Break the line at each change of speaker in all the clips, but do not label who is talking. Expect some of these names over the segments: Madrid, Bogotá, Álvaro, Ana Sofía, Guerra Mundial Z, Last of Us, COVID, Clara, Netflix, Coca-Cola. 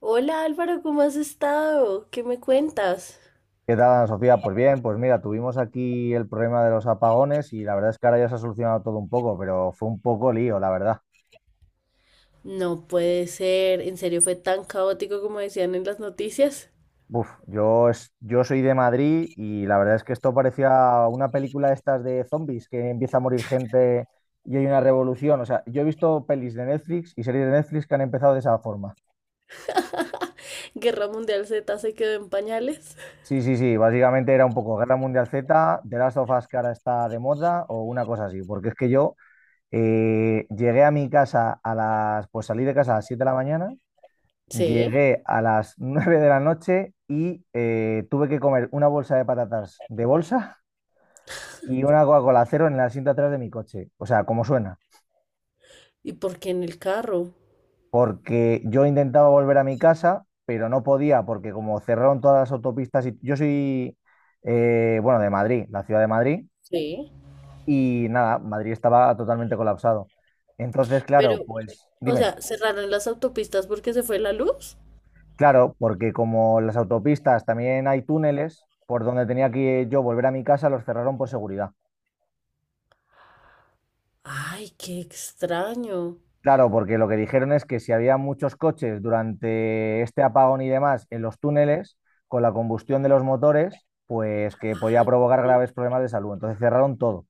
Hola Álvaro, ¿cómo has estado? ¿Qué me cuentas?
¿Qué tal, Ana Sofía? Pues bien, pues mira, tuvimos aquí el problema de los apagones y la verdad es que ahora ya se ha solucionado todo un poco, pero fue un poco lío, la verdad.
No puede ser, en serio fue tan caótico como decían en las noticias.
Uf, yo soy de Madrid y la verdad es que esto parecía una película de estas de zombies, que empieza a morir gente y hay una revolución. O sea, yo he visto pelis de Netflix y series de Netflix que han empezado de esa forma.
Guerra Mundial Z se quedó en pañales.
Sí, sí, sí, básicamente era un poco Guerra Mundial Z, de Last of Us que ahora está de moda o una cosa así, porque es que yo llegué a mi casa a las, pues salí de casa a las 7 de la mañana,
Sí.
llegué a las 9 de la noche y tuve que comer una bolsa de patatas de bolsa y una Coca-Cola cero en la cinta atrás de mi coche. O sea, como suena.
¿Y por qué en el carro?
Porque yo intentaba volver a mi casa, pero no podía porque como cerraron todas las autopistas y yo soy, bueno, de Madrid, la ciudad de Madrid,
Sí.
y nada, Madrid estaba totalmente colapsado. Entonces, claro,
Pero,
pues
o
dime.
sea, cerraron las autopistas porque se fue la luz.
Claro, porque como las autopistas también hay túneles, por donde tenía que yo volver a mi casa los cerraron por seguridad.
Ay, qué extraño.
Claro, porque lo que dijeron es que si había muchos coches durante este apagón y demás en los túneles, con la combustión de los motores, pues que podía
Ay,
provocar
sí.
graves problemas de salud. Entonces cerraron todo.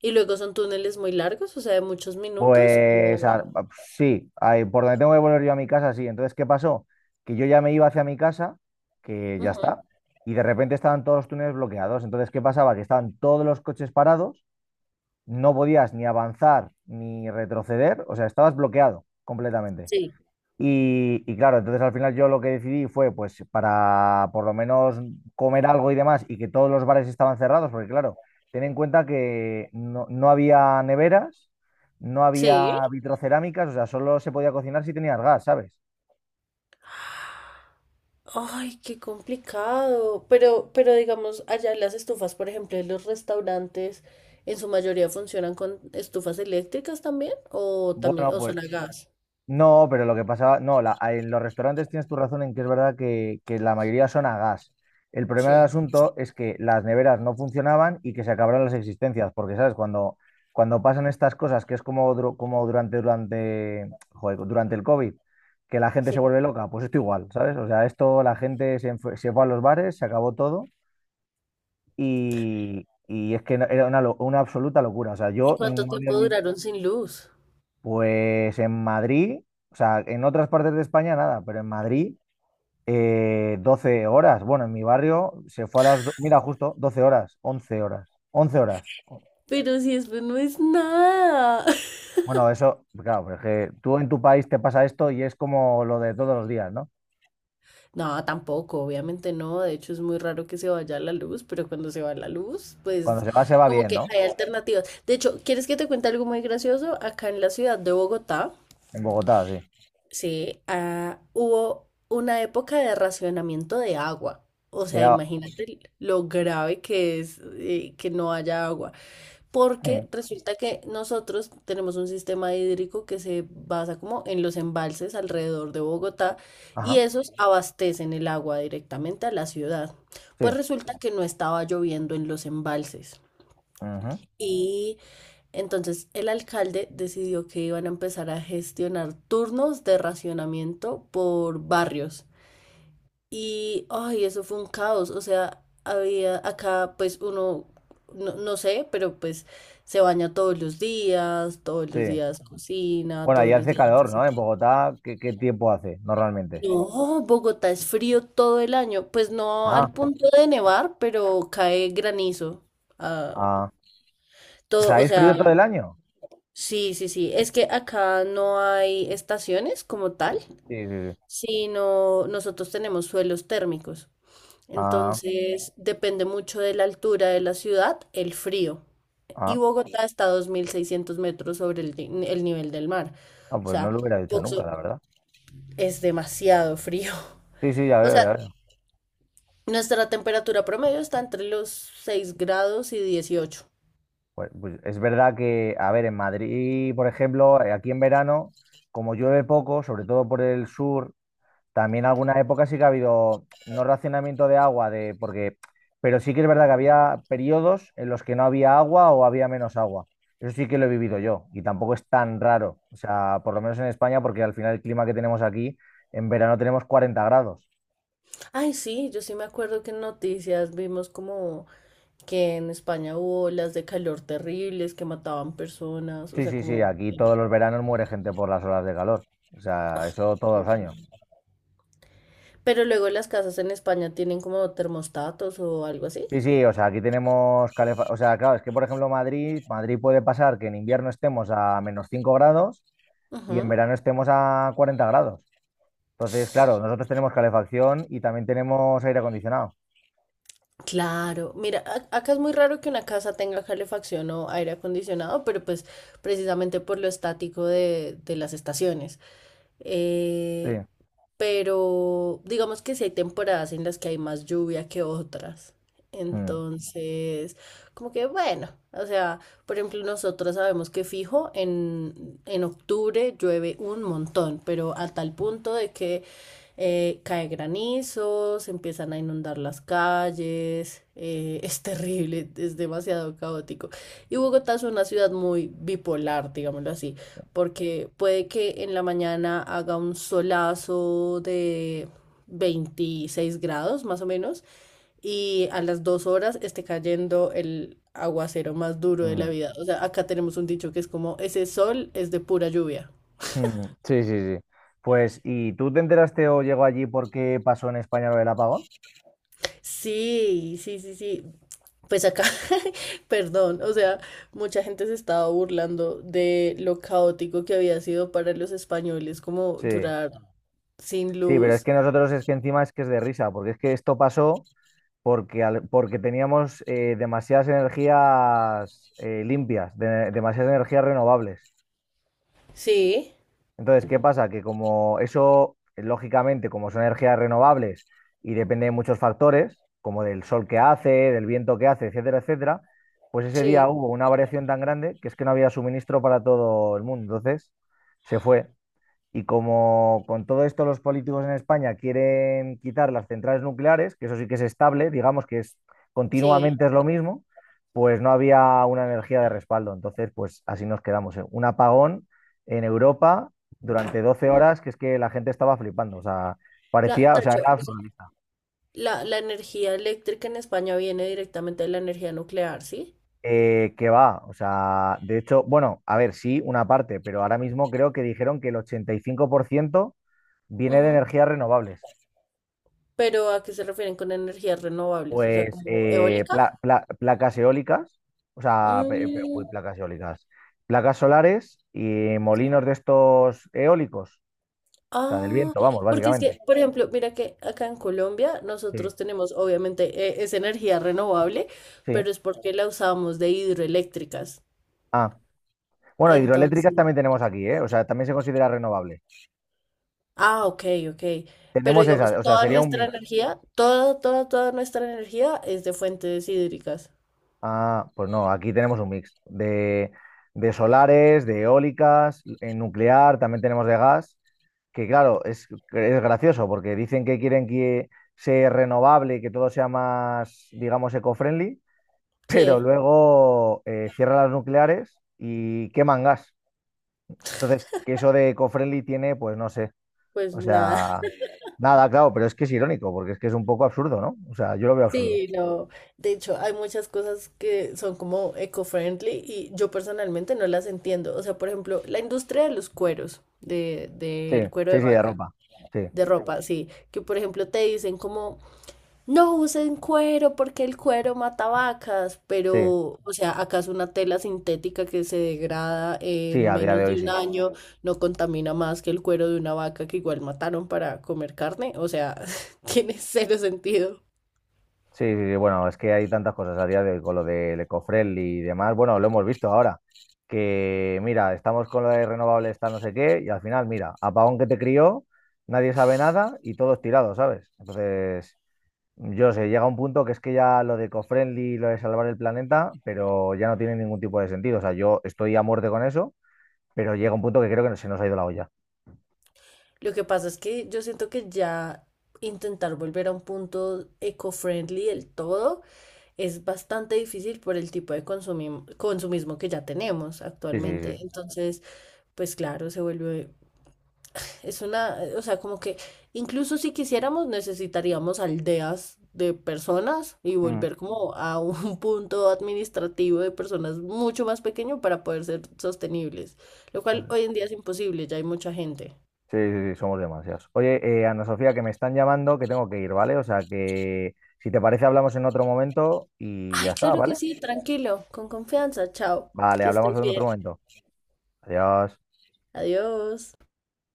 Y luego son túneles muy largos, o sea, de muchos minutos.
Pues sí, ahí, por donde tengo que volver yo a mi casa, sí. Entonces, ¿qué pasó? Que yo ya me iba hacia mi casa, que ya
Ujú.
está, y de repente estaban todos los túneles bloqueados. Entonces, ¿qué pasaba? Que estaban todos los coches parados, no podías ni avanzar ni retroceder, o sea, estabas bloqueado completamente.
Sí.
Y, claro, entonces al final yo lo que decidí fue, pues, para por lo menos comer algo y demás, y que todos los bares estaban cerrados, porque claro, ten en cuenta que no había neveras, no
Sí.
había vitrocerámicas, o sea, solo se podía cocinar si tenías gas, ¿sabes?
Ay, qué complicado. Pero, digamos, allá las estufas, por ejemplo, en los restaurantes, en su mayoría funcionan con estufas eléctricas también, o también,
Bueno,
o
pues
son a gas.
no, pero lo que pasaba, no, en los restaurantes tienes tu razón en que es verdad que la mayoría son a gas. El problema del
Sí.
asunto es que las neveras no funcionaban y que se acabaron las existencias, porque, ¿sabes? Cuando pasan estas cosas, que es como joder, durante el COVID, que la gente
Sí.
se vuelve loca, pues esto igual, ¿sabes? O sea, esto la gente se fue a los bares, se acabó todo y es que era una absoluta locura. O sea,
¿Y
yo
cuánto
no había
tiempo
vivido
duraron sin luz?
pues en Madrid, o sea, en otras partes de España nada, pero en Madrid 12 horas. Bueno, en mi barrio se fue a las, mira, justo 12 horas, 11 horas, 11 horas.
Pero si eso no es nada.
Bueno, eso, claro, pero es que tú en tu país te pasa esto y es como lo de todos los días, ¿no?
No, tampoco, obviamente no. De hecho, es muy raro que se vaya la luz, pero cuando se va la luz,
Cuando
pues
se va
como
bien,
que
¿no?
hay alternativas. De hecho, ¿quieres que te cuente algo muy gracioso? Acá en la ciudad de Bogotá.
En Bogotá, sí.
Sí, ah, hubo una época de racionamiento de agua. O sea,
Ya,
imagínate lo grave que es que no haya agua.
eh,
Porque resulta que nosotros tenemos un sistema hídrico que se basa como en los embalses alrededor de Bogotá y
ajá,
esos abastecen el agua directamente a la ciudad.
sí,
Pues resulta que no estaba lloviendo en los embalses.
ujú,
Y entonces el alcalde decidió que iban a empezar a gestionar turnos de racionamiento por barrios. Y, ay, eso fue un caos. O sea, había acá, pues uno, no, no sé, pero pues se baña todos
sí.
los días cocina,
Bueno, ahí
todos los
hace
días.
calor, ¿no? En Bogotá, ¿qué tiempo hace normalmente?
No, Bogotá es frío todo el año. Pues no
Ah,
al punto de nevar, pero cae granizo. Ah,
ah. O
todo,
sea,
o
¿es frío
sea,
todo el año?
sí, sí, sí. Es que acá no hay estaciones como tal,
Sí, sí, sí.
sino nosotros tenemos suelos térmicos.
Ah.
Entonces, depende mucho de la altura de la ciudad, el frío. Y
Ah,
Bogotá está a 2600 metros sobre el, ni- el nivel del mar.
ah,
O
pues no
sea,
lo hubiera dicho nunca,
Boxo-
la verdad.
es demasiado frío.
Sí, sí, ya
O
veo, ya
sea,
veo.
nuestra temperatura promedio está entre los 6 grados y 18.
Pues es verdad que, a ver, en Madrid, por ejemplo, aquí en verano, como llueve poco, sobre todo por el sur, también alguna época sí que ha habido no racionamiento de agua, de, porque, pero sí que es verdad que había periodos en los que no había agua o había menos agua. Eso sí que lo he vivido yo y tampoco es tan raro. O sea, por lo menos en España, porque al final el clima que tenemos aquí, en verano tenemos 40 grados.
Ay, sí, yo sí me acuerdo que en noticias vimos como que en España hubo olas de calor terribles que mataban personas, o
Sí,
sea,
sí,
como...
sí, aquí todos los veranos muere gente por las olas de calor. O sea, eso todos los años.
Pero luego las casas en España tienen como termostatos o algo así.
Sí, sí, o sea, aquí tenemos calefacción. O sea, claro, es que por ejemplo Madrid, Madrid puede pasar que en invierno estemos a menos 5 grados y en
Ujú.
verano estemos a 40 grados. Entonces, claro, nosotros tenemos calefacción y también tenemos aire acondicionado.
Claro, mira, acá es muy raro que una casa tenga calefacción o aire acondicionado, pero pues precisamente por lo estático de las estaciones.
Sí.
eh, pero digamos que sí hay temporadas en las que hay más lluvia que otras.
Mm,
Entonces, como que bueno, o sea, por ejemplo, nosotros sabemos que fijo en octubre llueve un montón, pero a tal punto de que cae granizo, se empiezan a inundar las calles, es terrible, es demasiado caótico. Y Bogotá es una ciudad muy bipolar, digámoslo así porque puede que en la mañana haga un solazo de 26 grados más o menos y a las 2 horas esté cayendo el aguacero más duro de la
mm,
vida. O sea, acá tenemos un dicho que es como, ese sol es de pura lluvia.
mm. Sí, sí, sí. Pues, ¿y tú te enteraste o llegó allí porque pasó en España lo del apagón?
Sí, sí, sí, sí. Pues acá, perdón, o sea, mucha gente se estaba burlando de lo caótico que había sido para los españoles como
Sí,
durar sin
sí, pero es
luz.
que nosotros es que encima es que es de risa, porque es que esto pasó. Porque teníamos demasiadas energías limpias, demasiadas energías renovables.
Sí,
Entonces, ¿qué pasa? Que como eso, lógicamente, como son energías renovables y depende de muchos factores, como del sol que hace, del viento que hace, etcétera, etcétera, pues ese día
sí.
hubo una variación tan grande que es que no había suministro para todo el mundo. Entonces, se fue. Y como con todo esto los políticos en España quieren quitar las centrales nucleares, que eso sí que es estable, digamos que es
Sí.
continuamente es lo mismo, pues no había una energía de respaldo. Entonces, pues así nos quedamos. Un apagón en Europa durante 12 horas, que es que la gente estaba flipando. O sea, parecía, o sea,
Tacho,
era
dice,
absurdista.
la energía eléctrica en España viene directamente de la energía nuclear, ¿sí?
Que va, o sea, de hecho, bueno, a ver, sí, una parte, pero ahora mismo creo que dijeron que el 85% viene de
Ujú.
energías renovables.
Pero ¿a qué se refieren con energías renovables? O sea,
Pues
como eólica.
placas eólicas, o sea,
Mm,
placas eólicas, placas solares y molinos de estos eólicos, o sea, del
ah,
viento, vamos,
porque es
básicamente.
que, por ejemplo, mira que acá en Colombia
Sí,
nosotros tenemos, obviamente, es energía renovable,
sí.
pero es porque la usamos de hidroeléctricas.
Ah, bueno, hidroeléctricas
Entonces,
también tenemos aquí, ¿eh? O sea, también se considera renovable.
ah, ok, ok. Pero
Tenemos esas,
digamos,
o sea,
toda
sería un
nuestra
mix.
energía, toda, toda, toda nuestra energía es de fuentes hídricas.
Ah, pues no, aquí tenemos un mix de solares, de eólicas, en nuclear, también tenemos de gas, que claro, es gracioso porque dicen que quieren que sea renovable y que todo sea más, digamos, eco-friendly, pero
Sí.
luego cierran las nucleares y queman gas. Entonces, que eso de eco-friendly tiene, pues no sé,
Pues
o
nada,
sea, nada, claro, pero es que es irónico porque es que es un poco absurdo, ¿no? O sea, yo lo veo absurdo.
sí, de hecho hay muchas cosas que son como eco-friendly y yo personalmente no las entiendo. O sea, por ejemplo, la industria de los cueros,
Sí,
del cuero
sí,
de
sí, de
vaca,
ropa. Sí,
de ropa, sí, que por ejemplo te dicen como, no usen cuero porque el cuero mata vacas,
sí.
pero, o sea, acaso una tela sintética que se degrada
Sí,
en
a día de
menos
hoy
de un
sí.
año no contamina más que el cuero de una vaca que igual mataron para comer carne, o sea, tiene cero sentido.
Sí, sí, sí, bueno, es que hay tantas cosas a día de hoy con lo del ecofriendly y demás. Bueno, lo hemos visto ahora, que mira, estamos con lo de renovables, está no sé qué, y al final, mira, apagón que te crió, nadie sabe nada y todos tirados, ¿sabes? Entonces, yo sé, llega un punto que es que ya lo de ecofriendly, y lo de salvar el planeta, pero ya no tiene ningún tipo de sentido. O sea, yo estoy a muerte con eso, pero llega un punto que creo que se nos ha ido la olla.
Lo que pasa es que yo siento que ya intentar volver a un punto eco-friendly del todo es bastante difícil por el tipo de consumismo que ya tenemos
Sí, sí, sí.
actualmente. Entonces, pues claro, se vuelve, es una, o sea, como que incluso si quisiéramos necesitaríamos aldeas de personas y
Mm.
volver como a un punto administrativo de personas mucho más pequeño para poder ser sostenibles, lo cual
Pues
hoy en día es imposible, ya hay mucha gente.
sí, sí, sí, somos demasiados. Oye, Ana Sofía, que me están llamando, que tengo que ir, ¿vale? O sea que si te parece hablamos en otro momento y ya
Ay,
está,
claro que
¿vale?
sí, tranquilo, con confianza, chao,
Vale,
que
hablamos
estés
en
bien,
otro momento. Adiós.
adiós.